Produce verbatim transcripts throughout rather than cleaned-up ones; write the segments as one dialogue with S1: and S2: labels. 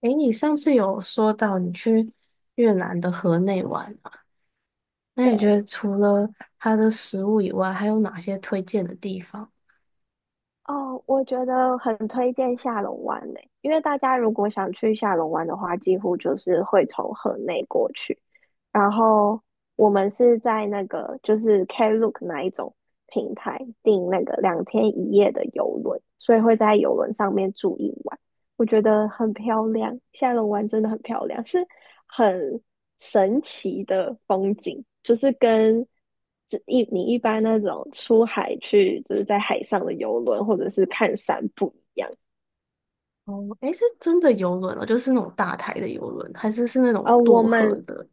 S1: 诶，你上次有说到你去越南的河内玩嘛？那你觉
S2: 对。
S1: 得除了它的食物以外，还有哪些推荐的地方？
S2: 哦，我觉得很推荐下龙湾呢，因为大家如果想去下龙湾的话，几乎就是会从河内过去。然后我们是在那个就是 Klook 那一种平台订那个两天一夜的游轮，所以会在游轮上面住一晚。我觉得很漂亮，下龙湾真的很漂亮，是很神奇的风景，就是跟只一你一般那种出海去，就是在海上的游轮或者是看山不一样。
S1: 哦，诶，是真的游轮哦，就是那种大台的游轮，还是是那种
S2: 呃，我
S1: 渡河
S2: 们
S1: 的？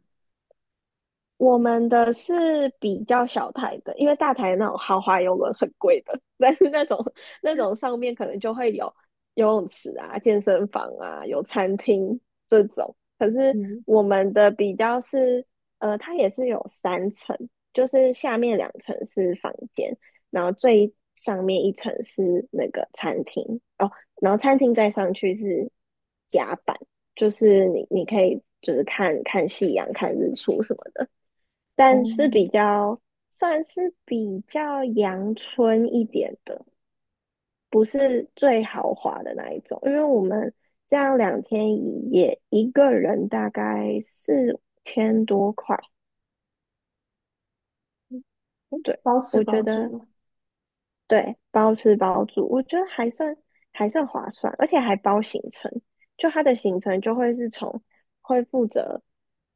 S2: 我们的是比较小台的，因为大台那种豪华游轮很贵的，但是那种那种上面可能就会有游泳池啊、健身房啊、有餐厅这种。可是
S1: 嗯，
S2: 我们的比较是，呃，它也是有三层，就是下面两层是房间，然后最上面一层是那个餐厅。哦，然后餐厅再上去是甲板，就是你你可以就是看看夕阳、看日出什么的。但
S1: 哦，
S2: 是比较算是比较阳春一点的，不是最豪华的那一种。因为我们这样两天一夜，一个人大概四千多块。对，
S1: 包吃
S2: 我觉
S1: 包住
S2: 得
S1: 嘛。
S2: 对，包吃包住，我觉得还算还算划算，而且还包行程。就它的行程就会是从会负责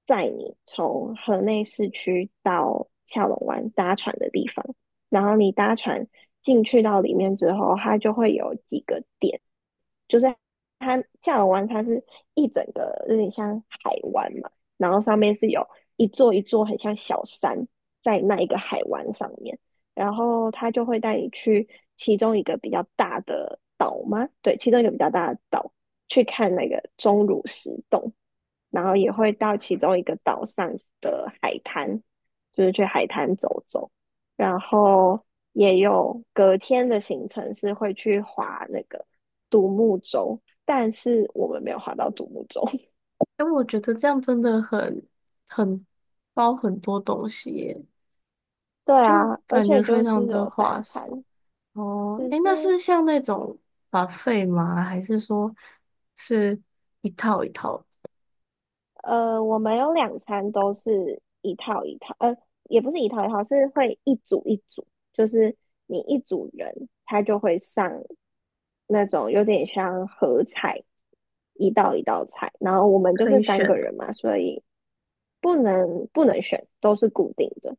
S2: 载你从河内市区到下龙湾搭船的地方，然后你搭船进去到里面之后，它就会有几个点。就夏尔湾它是一整个有点像海湾嘛，然后上面是有一座一座很像小山在那一个海湾上面，然后他就会带你去其中一个比较大的岛吗？对，其中一个比较大的岛去看那个钟乳石洞，然后也会到其中一个岛上的海滩，就是去海滩走走，然后也有隔天的行程是会去划那个独木舟，但是我们没有划到独木舟。
S1: 哎，我觉得这样真的很很包很多东西耶，
S2: 对
S1: 就
S2: 啊，而
S1: 感觉
S2: 且
S1: 非
S2: 就是
S1: 常的
S2: 有三
S1: 划
S2: 餐。
S1: 算。哦，
S2: 只
S1: 哎，那
S2: 是
S1: 是像那种 b 费吗？还是说是一套一套
S2: 呃，我们有两餐都是一套一套，呃，也不是一套一套，是会一组一组，就是你一组人，他就会上那种有点像合菜。一道一道菜，然后我们就
S1: 可
S2: 是
S1: 以
S2: 三个
S1: 选的？
S2: 人嘛，所以不能不能选，都是固定的。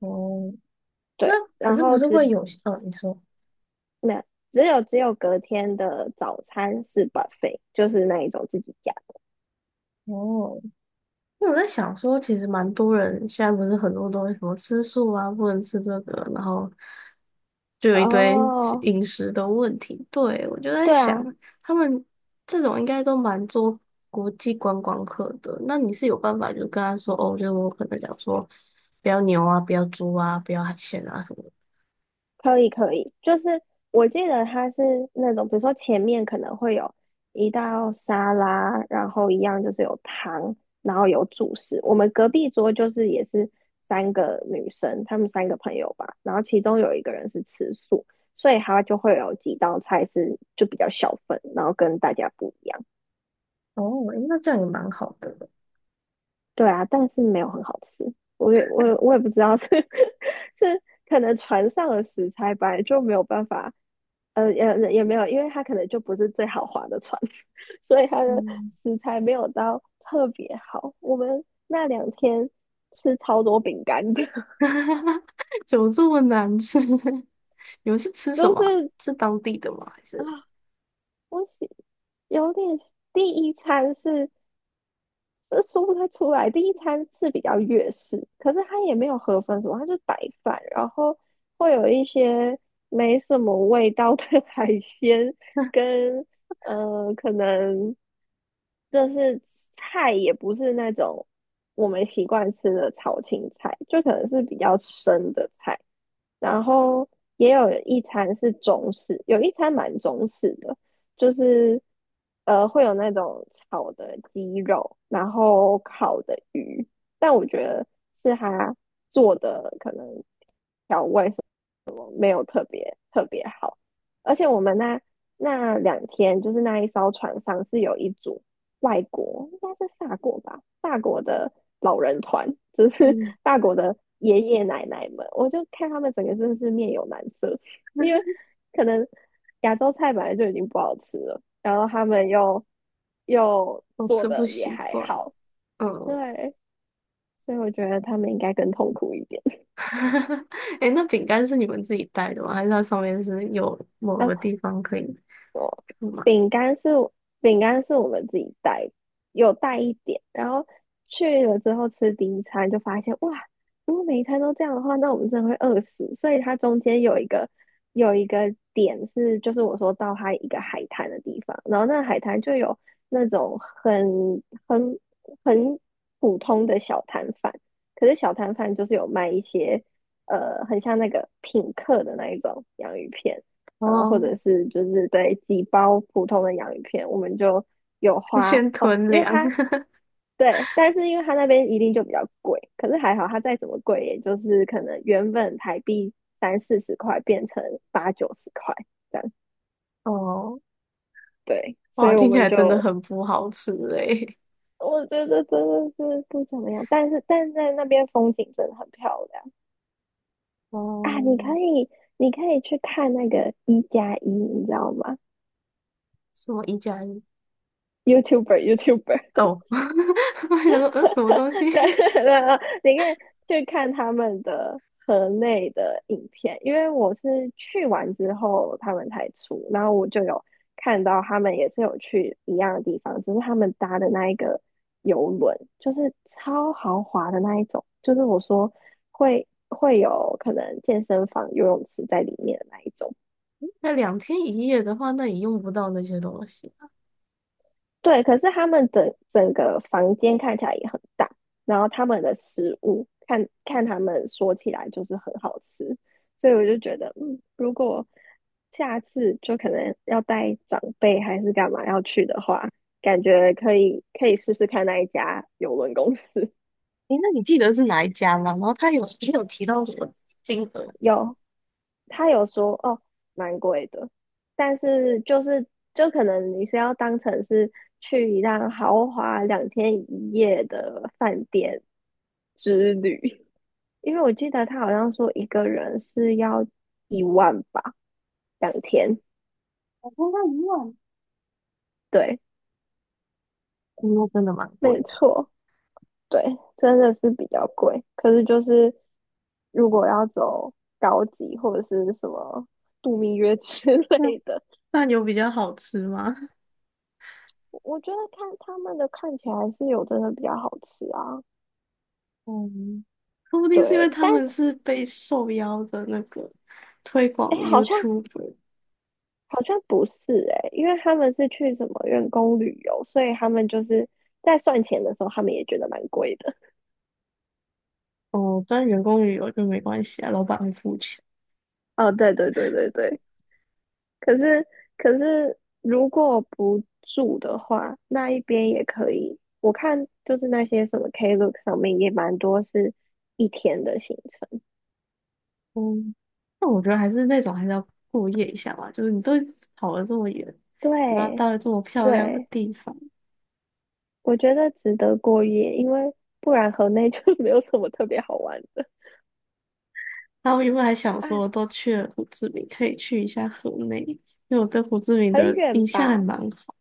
S1: 哦，那
S2: 对，
S1: 可
S2: 然
S1: 是不
S2: 后
S1: 是
S2: 只
S1: 会有呃，哦你说
S2: 那只有只有隔天的早餐是 buffet，就是那一种自己加。
S1: 哦，因为我在想说，其实蛮多人现在不是很多东西什么吃素啊，不能吃这个，然后就有一堆
S2: 哦，
S1: 饮食的问题。对，我就在
S2: 对
S1: 想，
S2: 啊，
S1: 他们这种应该都蛮做国际观光客的。那你是有办法就跟他说哦，就是我可能讲说不要牛啊，不要猪啊，不要海鲜啊什么的。
S2: 可以可以，就是我记得它是那种，比如说前面可能会有一道沙拉，然后一样就是有汤，然后有主食。我们隔壁桌就是也是三个女生，她们三个朋友吧，然后其中有一个人是吃素，所以她就会有几道菜是就比较小份，然后跟大家不一样。
S1: 哦，诶那这样也蛮好的。
S2: 对啊，但是没有很好吃。我也我也我也不知道是 是可能船上的食材本来就没有办法。呃，也也没有，因为它可能就不是最豪华的船，所以它的
S1: 嗯，
S2: 食材没有到特别好。我们那两天吃超多饼干的。
S1: 怎么这么难吃？你们是吃什
S2: 就
S1: 么啊，
S2: 是
S1: 是当地的吗？还
S2: 啊，
S1: 是
S2: 我喜有点第一餐是呃说不太出来。第一餐是比较粤式，可是它也没有河粉什么，它就白饭，然后会有一些没什么味道的 海鲜跟呃可能就是菜也不是那种我们习惯吃的炒青菜，就可能是比较生的菜。然后也有一餐是中式，有一餐蛮中式的，就是呃会有那种炒的鸡肉，然后烤的鱼。但我觉得是他做的可能。调味。没有特别特别好。而且我们那那两天，就是那一艘船上是有一组外国，应该是法国吧，法国的老人团，就是
S1: 嗯，
S2: 法国的爷爷奶奶们，我就看他们整个真的是面有难色，因为 可能亚洲菜本来就已经不好吃了，然后他们又又
S1: 我
S2: 做
S1: 吃不
S2: 的也
S1: 习
S2: 还
S1: 惯。
S2: 好。
S1: 嗯，
S2: 对，所以我觉得他们应该更痛苦一点。
S1: 哎那饼干是你们自己带的吗？还是它上面是有某个
S2: 啊，
S1: 地方可以买？
S2: 饼干是饼干是我们自己带，有带一点，然后去了之后吃第一餐就发现哇，如果每一餐都这样的话，那我们真的会饿死。所以它中间有一个有一个点是，就是我说到它一个海滩的地方，然后那海滩就有那种很很很普通的小摊贩，可是小摊贩就是有卖一些呃很像那个品客的那一种洋芋片。然后或
S1: 哦，
S2: 者是就是，对，几包普通的洋芋片，我们就有 花。
S1: 先
S2: 哦，
S1: 囤
S2: 因为
S1: 粮。
S2: 它 对，但是因为它那边一定就比较贵，可是还好它再怎么贵，也就是可能原本台币三四十块变成八九十块这样。
S1: 哦，
S2: 对，所
S1: 哇，
S2: 以我
S1: 听起
S2: 们
S1: 来真的
S2: 就
S1: 很不好吃诶。
S2: 我觉得真的是不怎么样，但是但是在那边风景真的很漂亮。啊，
S1: 哦，
S2: 你可以你可以去看那个一加一，你知道吗
S1: 什么一加一？
S2: ？YouTuber，YouTuber，
S1: 哦，我想说，嗯，什么东
S2: 对。
S1: 西？
S2: 然后你可以去看他们的河内的影片，因为我是去完之后他们才出，然后我就有看到他们也是有去一样的地方，只是他们搭的那一个游轮就是超豪华的那一种，就是我说会会有可能健身房、游泳池在里面的那一种。
S1: 那两天一夜的话，那也用不到那些东西。
S2: 对，可是他们整整个房间看起来也很大，然后他们的食物看看他们说起来就是很好吃。所以我就觉得，嗯，如果下次就可能要带长辈还是干嘛要去的话，感觉可以可以试试看那一家邮轮公司。
S1: 诶，那你记得是哪一家吗？然后他有也有提到什么金额？
S2: 有，他有说哦，蛮贵的，但是就是就可能你是要当成是去一趟豪华两天一夜的饭店之旅。因为我记得他好像说一个人是要一万吧，两天。
S1: 我跟他一万，
S2: 对，
S1: 嗯那真的蛮贵
S2: 没
S1: 的。
S2: 错。对，真的是比较贵。可是就是如果要走高级或者是什么度蜜月 之
S1: 那
S2: 类的。
S1: 饭有比较好吃吗？
S2: 我觉得看他们的看起来是有真的比较好吃啊。
S1: 嗯，说不定是因为
S2: 对，
S1: 他
S2: 但
S1: 们是被受邀的那个推广
S2: 哎，
S1: 的
S2: 诶好像
S1: YouTuber。
S2: 好像不是哎，因为他们是去什么员工旅游，所以他们就是在算钱的时候，他们也觉得蛮贵的。
S1: 哦，但员工旅游就没关系啊，老板会付钱。
S2: 哦，对对对对对，可是可是如果不住的话，那一边也可以。我看就是那些什么 Klook 上面也蛮多是一天的行程。
S1: 嗯，那我觉得还是那种还是要过夜一下吧，就是你都跑了这么远，然后
S2: 对
S1: 到了这么漂亮的
S2: 对，
S1: 地方，
S2: 我觉得值得过夜，因为不然河内就 没有什么特别好玩的。
S1: 然后我原本还想
S2: 啊，
S1: 说，我都去了胡志明，可以去一下河内，因为我对胡志明
S2: 很
S1: 的
S2: 远
S1: 印象还
S2: 吧？
S1: 蛮好。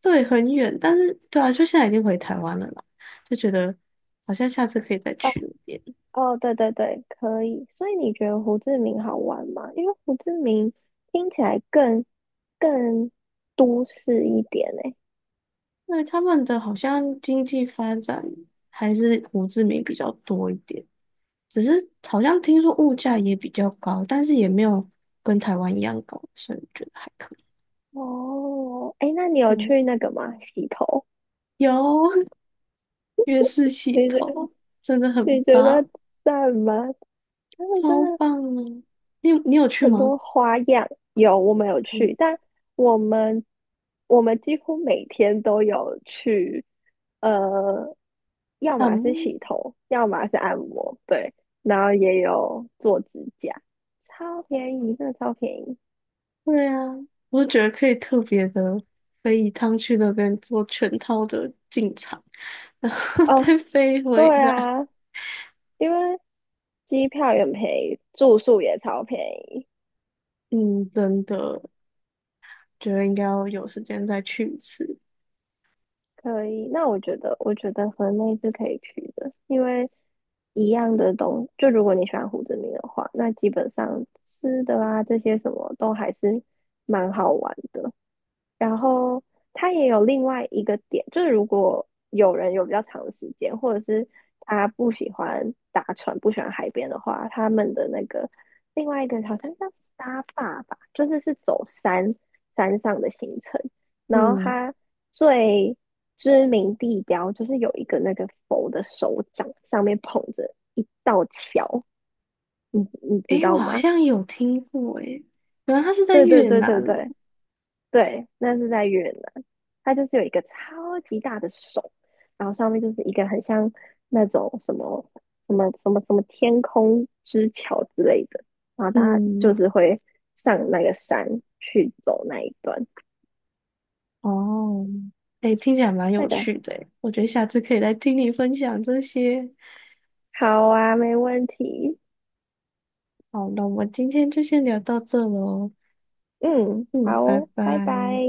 S1: 对，很远，但是对啊，就现在已经回台湾了啦，就觉得好像下次可以再
S2: 哦
S1: 去那边。
S2: 哦，对对对，可以。所以你觉得胡志明好玩吗？因为胡志明听起来更更都市一点欸。
S1: 因为他们的好像经济发展还是胡志明比较多一点，只是好像听说物价也比较高，但是也没有跟台湾一样高，所以我觉得还可以。
S2: 哦，哎，那你有
S1: 对，
S2: 去那个吗？洗头？
S1: 有 月式洗
S2: 你觉
S1: 头，真的很
S2: 你觉得
S1: 棒。
S2: 赞吗？他们真
S1: 超
S2: 的
S1: 棒啊！你有你有去
S2: 很
S1: 吗？
S2: 多花样。有，我们有
S1: 嗯，
S2: 去，但我们我们几乎每天都有去，呃，要
S1: 啊，
S2: 么是
S1: 嗯，
S2: 洗头，要么是按摩。对，然后也有做指甲，超便宜，真的超便宜。
S1: 对啊，我觉得可以特别的飞一趟去那边做全套的进场，然后
S2: 哦，
S1: 再飞回
S2: 对
S1: 来。
S2: 啊，因为机票也很便宜，住宿也超便宜。
S1: 嗯，真的，觉得应该要有时间再去一次。
S2: 可以，那我觉得，我觉得河内是可以去的，因为一样的东，就如果你喜欢胡志明的话，那基本上吃的啊这些什么都还是蛮好玩的。然后它也有另外一个点，就是如果有人有比较长的时间，或者是他不喜欢搭船、不喜欢海边的话，他们的那个另外一个好像叫沙坝吧，就是是走山山上的行程。然后
S1: 嗯，
S2: 它最知名地标就是有一个那个佛的手掌上面捧着一道桥，你你知
S1: 诶，我
S2: 道
S1: 好
S2: 吗？
S1: 像有听过，诶，原来它是在
S2: 对对
S1: 越
S2: 对
S1: 南
S2: 对
S1: 哦。
S2: 对，对，那是在越南，它就是有一个超级大的手，然后上面就是一个很像那种什么什么什么什么天空之桥之类的，然后大家就
S1: 嗯，
S2: 是会上那个山去走那一段。
S1: 哦，诶，听起来蛮
S2: 那
S1: 有
S2: 个
S1: 趣的诶，我觉得下次可以来听你分享这些。
S2: 好啊，没问题。
S1: 好了，那我们今天就先聊到这喽。
S2: 嗯，
S1: 嗯，
S2: 好
S1: 拜
S2: 哦，拜拜。
S1: 拜。